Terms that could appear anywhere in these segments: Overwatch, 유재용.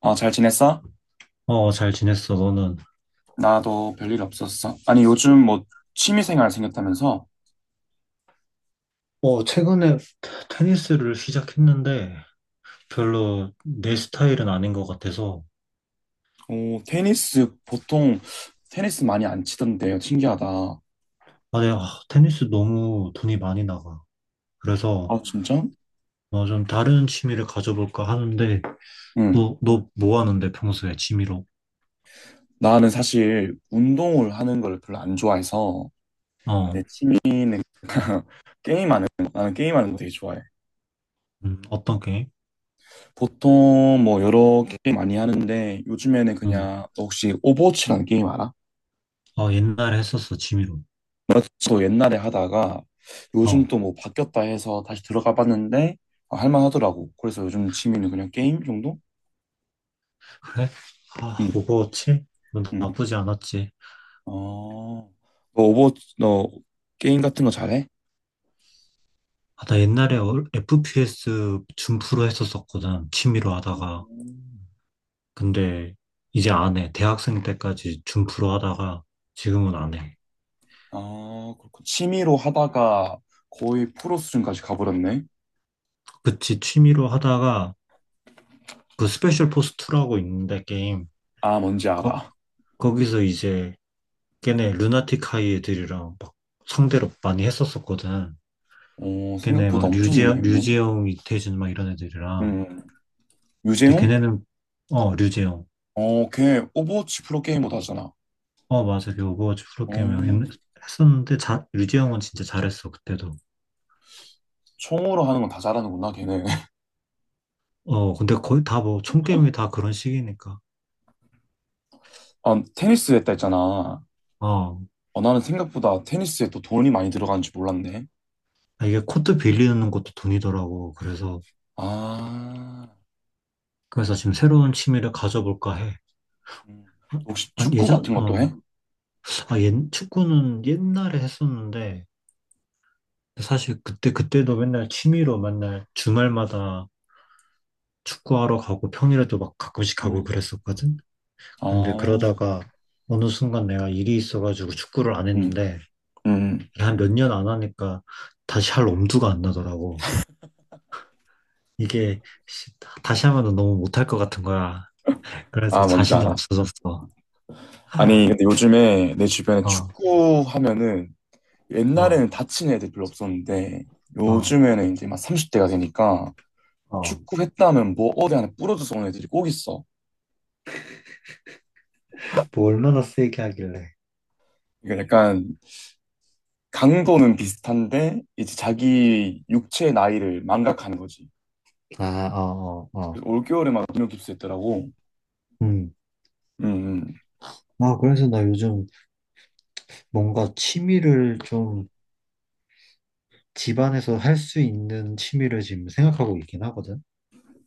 어, 잘 지냈어? 어, 잘 지냈어, 너는? 나도 별일 없었어. 아니, 요즘 뭐 취미생활 생겼다면서? 어, 최근에 테니스를 시작했는데 별로 내 스타일은 아닌 것 같아서. 어, 테니스 보통 테니스 많이 안 치던데 신기하다. 아, 내가 테니스 너무 돈이 많이 나가. 그래서 아, 진짜? 좀 다른 취미를 가져볼까 하는데. 응. 너 뭐 하는데 평소에 취미로? 나는 사실 운동을 하는 걸 별로 안 좋아해서 어, 내 취미는 게임하는 거. 나는 게임하는 거 되게 좋아해. 어떤 게임? 보통 뭐 여러 게임 많이 하는데 요즘에는 음, 그냥 너 혹시 오버워치라는 게임 알아? 어, 옛날에 했었어, 취미로. 맞죠. 옛날에 하다가 요즘 어, 또 뭐 바뀌었다 해서 다시 들어가 봤는데 아, 할만하더라고. 그래서 요즘 취미는 그냥 게임 정도? 그래? 아, 응, 오버워치? 뭐 응. 나쁘지 않았지. 아.. 너 오버, 너 게임 같은 거 잘해? 아, 나 옛날에 FPS 준프로 했었었거든, 취미로 하다가. 음. 근데 이제 안 해. 대학생 때까지 준프로 하다가 지금은 안 해. 아, 그렇군. 취미로 하다가 거의 프로 수준까지 가버렸네. 그치, 취미로 하다가 그 스페셜 포스 2라고 있는데 게임. 아, 뭔지 거, 알아. 거기서 이제 걔네 루나틱 하이 애들이랑 막 상대로 많이 했었었거든. 어, 걔네 생각보다 막 엄청 유명했네. 류재영, 이태준 막 이런 애들이랑. 음, 근데 유재용? 걔네는, 어, 류재영. 어, 걔 오버워치 프로게이머도 하잖아. 어, 맞아. 그 오버워치 어, 프로게이머 했었는데 자, 류재영은 진짜 잘했어, 그때도. 총으로 하는 건 다 잘하는구나, 걔는. 어, 근데 거의 다 뭐, 총게임이 다 그런 식이니까. 아, 테니스 했다 했잖아. 어. 어, 나는 생각보다 테니스에 또 돈이 많이 들어가는 지 몰랐네. 아, 이게 코트 빌리는 것도 돈이더라고. 아, 그래서 지금 새로운 취미를 가져볼까 해. 음. 혹시 아, 축구 예전, 같은 것도 어, 해? 아, 옛, 축구는 옛날에 했었는데, 사실 그때도 맨날 취미로 맨날 주말마다 축구하러 가고 평일에도 막 가끔씩 가고 음. 그랬었거든? 근데 아, 그러다가 어느 순간 내가 일이 있어가지고 축구를 안 음. 했는데, 음. 한 몇 년 안 하니까 다시 할 엄두가 안 나더라고. 이게 시- 다시 하면 너무 못할 것 같은 거야. 그래서 아, 뭔지 자신이 알아. 없어졌어. 어, 아니, 근데 요즘에 내 주변에 축구 하면은 어, 옛날에는 다친 애들 별로 없었는데 어. 요즘에는 이제 막 30대가 되니까 어, 축구 했다 하면 뭐 어디 하나 부러져서 오는 애들이 꼭 있어. 뭐 얼마나 세게 하길래. 이게 약간 강도는 비슷한데 이제 자기 육체의 나이를 망각하는 거지. 아, 어, 어, 어. 그래서 올겨울에 막泌尿깁스 했더라고. 음. 음, 아, 그래서 나 요즘 뭔가 취미를 좀 집안에서 할 수 있는 취미를 지금 생각하고 있긴 하거든.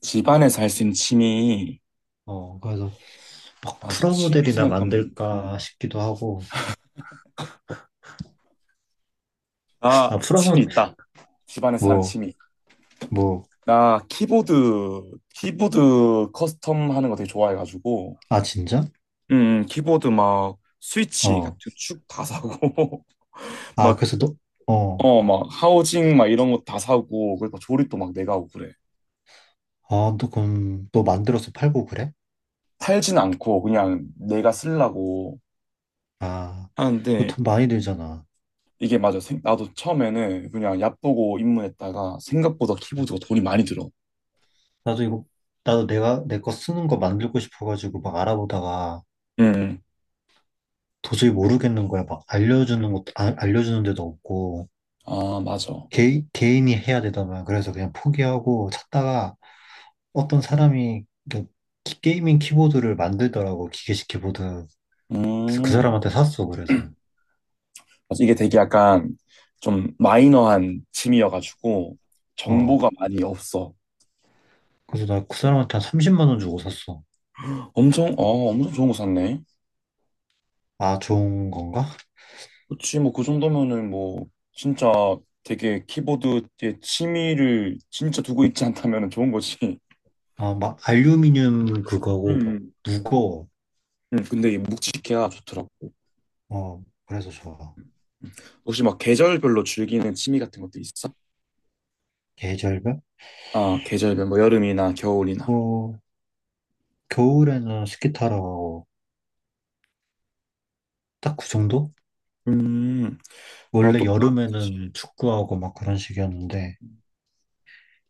집안에서 할 수 있는 취미. 어, 그래서 막 아, 저 취미 프라모델이나 생각하면, 만들까 싶기도 하고. 아, 아, 프라모, 취미 있다. 집안에서 하는 뭐, 취미. 뭐, 나 키보드, 키보드 커스텀 하는 거 되게 좋아해가지고, 아, 진짜? 음, 키보드 막 스위치 같은 어. 축 다 사고, 아, 막, 그래서 너, 어. 어, 막 하우징 막 이런 거 다 사고, 그리고 조립도 막 내가 하고 그래. 아, 너 그럼 너 만들어서 팔고 그래? 팔진 않고 그냥 내가 쓰려고 아, 이거 하는데, 돈 많이 들잖아. 이게 맞아. 나도 처음에는 그냥 얕보고 입문했다가 생각보다 키보드가 돈이 많이 들어. 나도 이거, 나도 내가, 내 거 쓰는 거 만들고 싶어가지고 막 알아보다가 음, 도저히 모르겠는 거야. 막 알려주는 것도, 알려주는 데도 없고, 아, 맞아. 개인이 해야 되더만. 그래서 그냥 포기하고 찾다가 어떤 사람이 그 게이밍 키보드를 만들더라고, 기계식 키보드. 그래서 그 음, 사람한테 샀어, 그래서. 맞아. 이게 되게 약간 좀 마이너한 취미여가지고 어. 정보가 많이 없어. 그래서 나 그 사람한테 한 30만 원 주고 샀어. 엄청, 아, 엄청 좋은 거 샀네. 아, 좋은 건가? 그치, 뭐 그 정도면은 뭐 진짜 되게 키보드에 취미를 진짜 두고 있지 않다면 좋은 거지. 아, 막 알루미늄 그거고, 막 음, 무거워. 근데 이 묵직해야 좋더라고. 어, 그래서 좋아. 음. 혹시 막 계절별로 즐기는 취미 같은 것도 있어? 계절별? 아, 계절별, 뭐 여름이나 겨울이나. 뭐, 겨울에는 스키 타러 가고 딱 그 정도? 음, 원래 나도 여름에는 축구하고 막 그런 식이었는데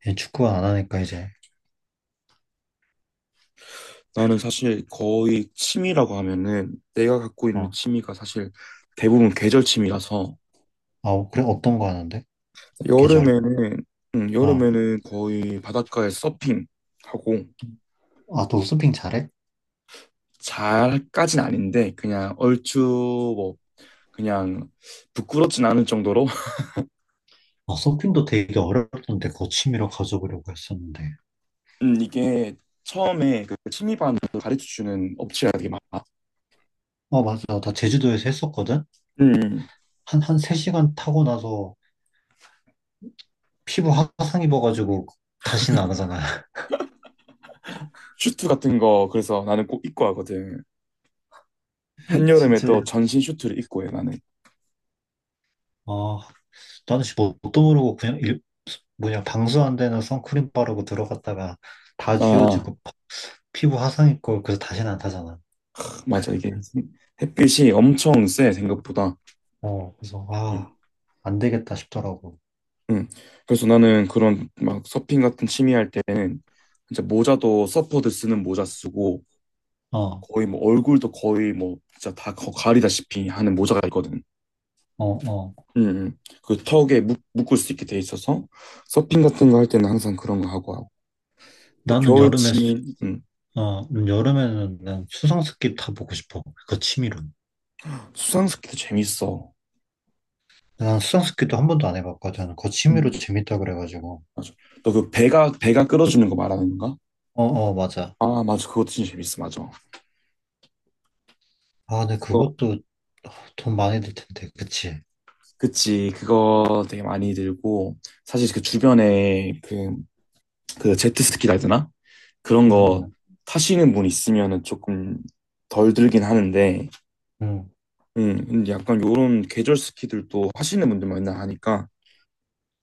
얘 축구 안 하니까 이제 나는 사실 거의 취미라고 하면은 내가 갖고 있는 어. 취미가 사실 대부분 계절 취미라서 아, 그래, 어떤 거 하는데? 계절? 여름에는 어. 여름에는 거의 바닷가에 서핑 하고 아너 서핑 잘해? 잘까진 아닌데 그냥 얼추 뭐 그냥 부끄럽진 않을 정도로 아, 서핑도 되게 어렵던데, 그거 취미로 가져보려고 했었는데. 이게 처음에 그 취미반으로 가르쳐 주는 업체가 되게 많아. 어, 맞아, 나 제주도에서 했었거든? 음. 한 한 3시간 타고 나서 피부 화상 입어가지고 다시는 안 하잖아. 슈트 같은 거 그래서 나는 꼭 입고 하거든. 한여름에 진짜. 또 전신 슈트를 입고 해 나는. 어, 나는 씨 뭣도 모르고 그냥 뭐냐 방수 안 되는 선크림 바르고 들어갔다가 다 아 지워지고 피부 화상 입고 그래서 다시는 안 타잖아. 맞아. 이게 햇빛이 엄청 세, 생각보다. 어, 그래서 아, 응. 안 되겠다 싶더라고. 응. 그래서 나는 그런 막 서핑 같은 취미 할 때는 진짜 모자도 서퍼들 쓰는 모자 쓰고 어, 거의 뭐 얼굴도 거의 뭐 진짜 다 가리다시피 하는 모자가 있거든. 어, 어. 응. 응. 그 턱에 묶을 수 있게 돼 있어서 서핑 같은 거 할 때는 항상 그런 거 하고 하고 또 나는 겨울 여름에 취미 응. 어, 여름에는 난 수상스키 타보고 싶어, 그 취미로. 수상스키도 재밌어. 난 수상스키도 한 번도 안 해봤거든, 그 취미로 응. 재밌다 그래가지고. 맞아. 너 그 배가 끌어주는 거 말하는 건가? 어, 어, 맞아. 아 맞아 그것도 진짜 재밌어 맞아. 아, 근데 그것도 돈 많이 들 텐데 그치? 그치, 그거 되게 많이 들고, 사실 그 주변에 그, 그 제트스키라 해야 되나? 그런 응응 거 응. 타시는 분 있으면은 조금 덜 들긴 하는데, 응, 응. 근데 약간 요런 계절 스키들도 하시는 분들 만나 하니까,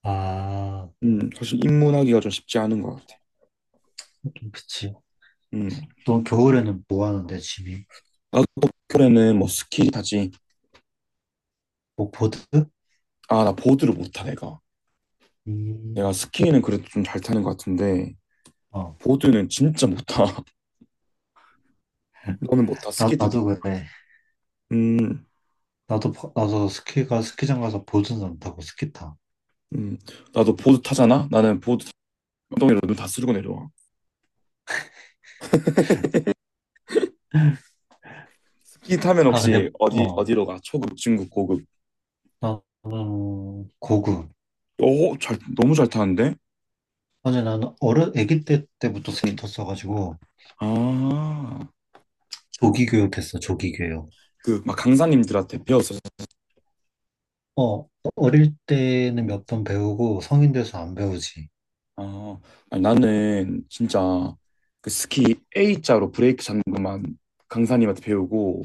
아, 사실 입문하기가 좀 쉽지 않은 것 같아. 그치. 음, 너 겨울에는 뭐 하는데 집이? 나도 겨울에는 뭐 스키 타지. 뭐 보드? 아, 나 보드를 못 타, 내가. 내가 음. 스키는 그래도 좀 잘 타는 것 같은데, 어. 보드는 진짜 못 타. 너는 못 타, 나, 스키 타고. 나도 그래. 음, 나도 나도 스키가 스키장 가서 보드는 안 타고 스키 타. 음, 나도 보드 타잖아? 나는 엉덩이로 눈 다 쓸고 내려와. 스키 타면 아, 근데 혹시 어, 어디로 가? 초급, 중급, 고급. 나는 고구. 오, 너무 잘 타는데? 아니, 나는 어른 아기 때 때부터 스키 응. 탔어가지고 아, 조기 교육했어, 조기 교육. 그, 막 강사님들한테 배웠어, 어릴 어 때는 몇 번 배우고 성인 돼서 안 배우지. 아, 아니, 나는 진짜 그 스키 A자로 브레이크 잡는 것만 강사님한테 배우고,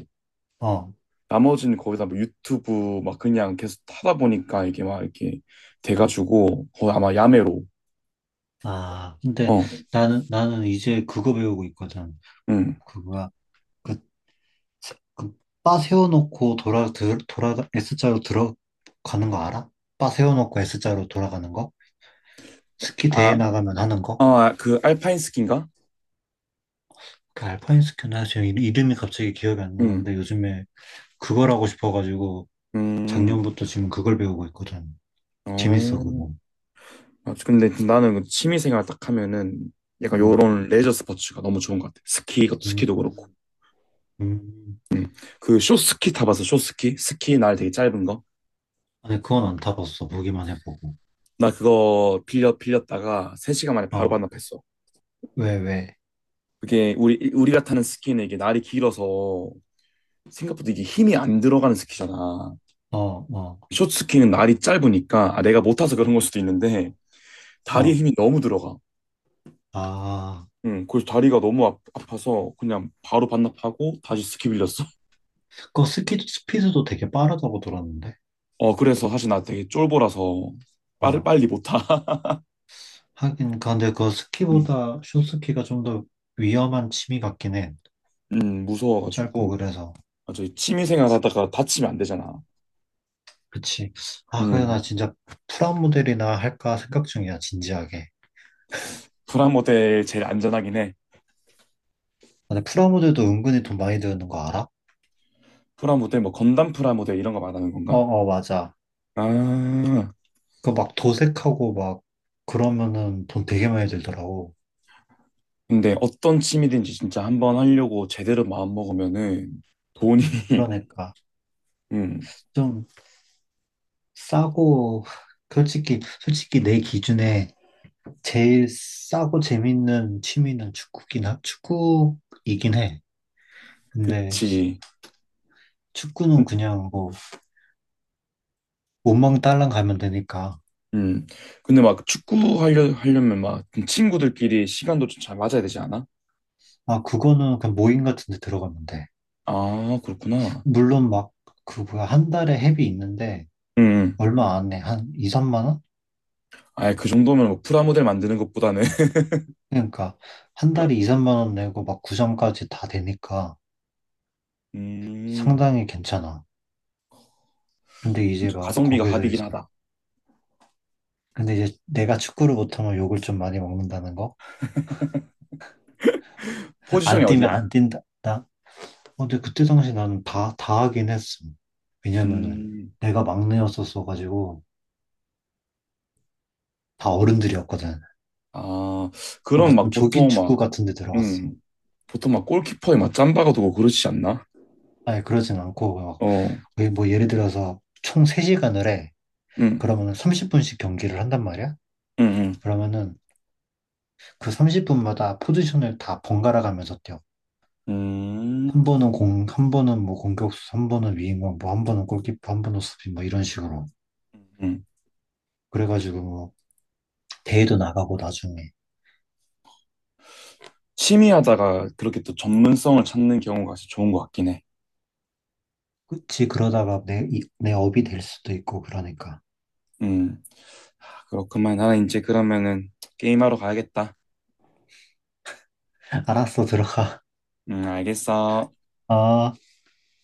어. 나머지는 거기다 뭐 유튜브 막 그냥 계속 타다 보니까 이게 막 이렇게 돼가지고, 거의 아마 야매로. 아, 근데 어, 나는 이제 그거 배우고 있거든. 응. 그거야. 그 그, 바 세워놓고 S자로 들어가는 거 알아? 바 세워놓고 S자로 돌아가는 거? 스키 대회 아, 나가면 하는 거? 아, 그 알파인 스키인가? 그 알파인 스키나 지금 이름이 갑자기 기억이 안 나는데 음, 요즘에 그걸 하고 싶어가지고 음, 작년부터 지금 그걸 배우고 있거든. 재밌어, 어. 그거. 아, 근데 나는 그 취미생활 딱 하면은 약간 음, 요런 레저 스포츠가 너무 좋은 것 같아. 스키, 이것도 스키도 그렇고. 음, 음. 그 쇼스키 타봐서 쇼스키? 스키 날 되게 짧은 거? 아니, 그건 안 타봤어, 보기만 해보고. 나 그거 빌렸다가 3시간 만에 바로 어, 반납했어. 왜? 그게 우리가 타는 스키는 이게 날이 길어서 생각보다 이게 힘이 안 들어가는 스키잖아. 어, 어, 쇼스키는 날이 짧으니까 아, 내가 못 타서 그런 걸 수도 있는데 다리에 어. 힘이 너무 들어가. 아, 응, 그래서 다리가 너무 아파서 그냥 바로 반납하고 다시 스키 빌렸어. 그거 스키, 스피드도 되게 빠르다고 들었는데. 어, 그래서 사실 나 되게 쫄보라서 빨리 어. 빨리 못 타. 하긴, 근데 그 응, 스키보다 숏스키가 좀 더 위험한 취미 같긴 해. 응, 짧고 무서워가지고. 그래서. 맞아, 취미생활 하다가 다치면 안 되잖아. 그치. 아, 그래, 응, 나 진짜 프라모델이나 할까 생각 중이야, 진지하게. 프라모델 제일 안전하긴 해. 근데 프라모델도 은근히 돈 많이 드는 거 알아? 프라모델, 뭐 건담 프라모델 이런 거 말하는 어, 건가? 어, 맞아. 아, 그 막 도색하고 막 그러면은 돈 되게 많이 들더라고. 근데 어떤 취미든지 진짜 한번 하려고 제대로 마음먹으면은 돈이, 그러니까 응, 좀 싸고, 솔직히 내 기준에 제일 싸고 재밌는 취미는 축구이긴 해. 근데 그치. 축구는 그냥 뭐 원망 딸랑 가면 되니까. 음. 근데 막 축구 하려면 막좀 친구들끼리 시간도 좀 잘 맞아야 되지 않아? 아, 그거는 그냥 모임 같은 데 들어가면 돼. 아, 그렇구나. 물론 막 그 뭐야 한 달에 회비 있는데 음. 음. 얼마 안 해. 한 2, 3만 원? 아예 그 정도면 뭐 프라모델 만드는 것보다는 그러니까 한 달에 2, 3만 원 내고 막 구장까지 다 되니까 음. 상당히 괜찮아. 근데 이제 진짜 막 가성비가 거기서 갑이긴 이제. 하다. 근데 이제 내가 축구를 못하면 욕을 좀 많이 먹는다는 거? 포지션이 안 어디야? 뛰면 안 뛴다. 나 어, 근데 그때 당시 나는 다 하긴 했음. 왜냐면은 음. 내가 막내였었어가지고 다 어른들이었거든. 아, 뭔가 그럼 막 좀 조기 보통 막 축구 같은 데 들어갔어. 음. 보통 막 골키퍼에 막 짬바가 두고 그러지 않나? 아니, 그러진 않고, 막 어. 거의 뭐 예를 들어서 총 3시간을 해. 음. 그러면은 30분씩 경기를 한단 말이야. 음. 음. 그러면은 그 30분마다 포지션을 다 번갈아 가면서 뛰어. 음. 한 번은 공, 한 번은 뭐 공격수, 한 번은 위인공, 뭐 한 번은 골키퍼, 한 번은 수비, 뭐 이런 식으로. 음. 그래가지고 뭐 대회도 나가고 나중에. 취미하다가 그렇게 또 전문성을 찾는 경우가 진짜 좋은 것 같긴 해. 그치, 그러다가 내, 내 업이 될 수도 있고, 그러니까. 음. 그렇구만. 나는 이제 그러면은 게임하러 가야겠다. 알았어, 들어가. 응, 알겠어. 아.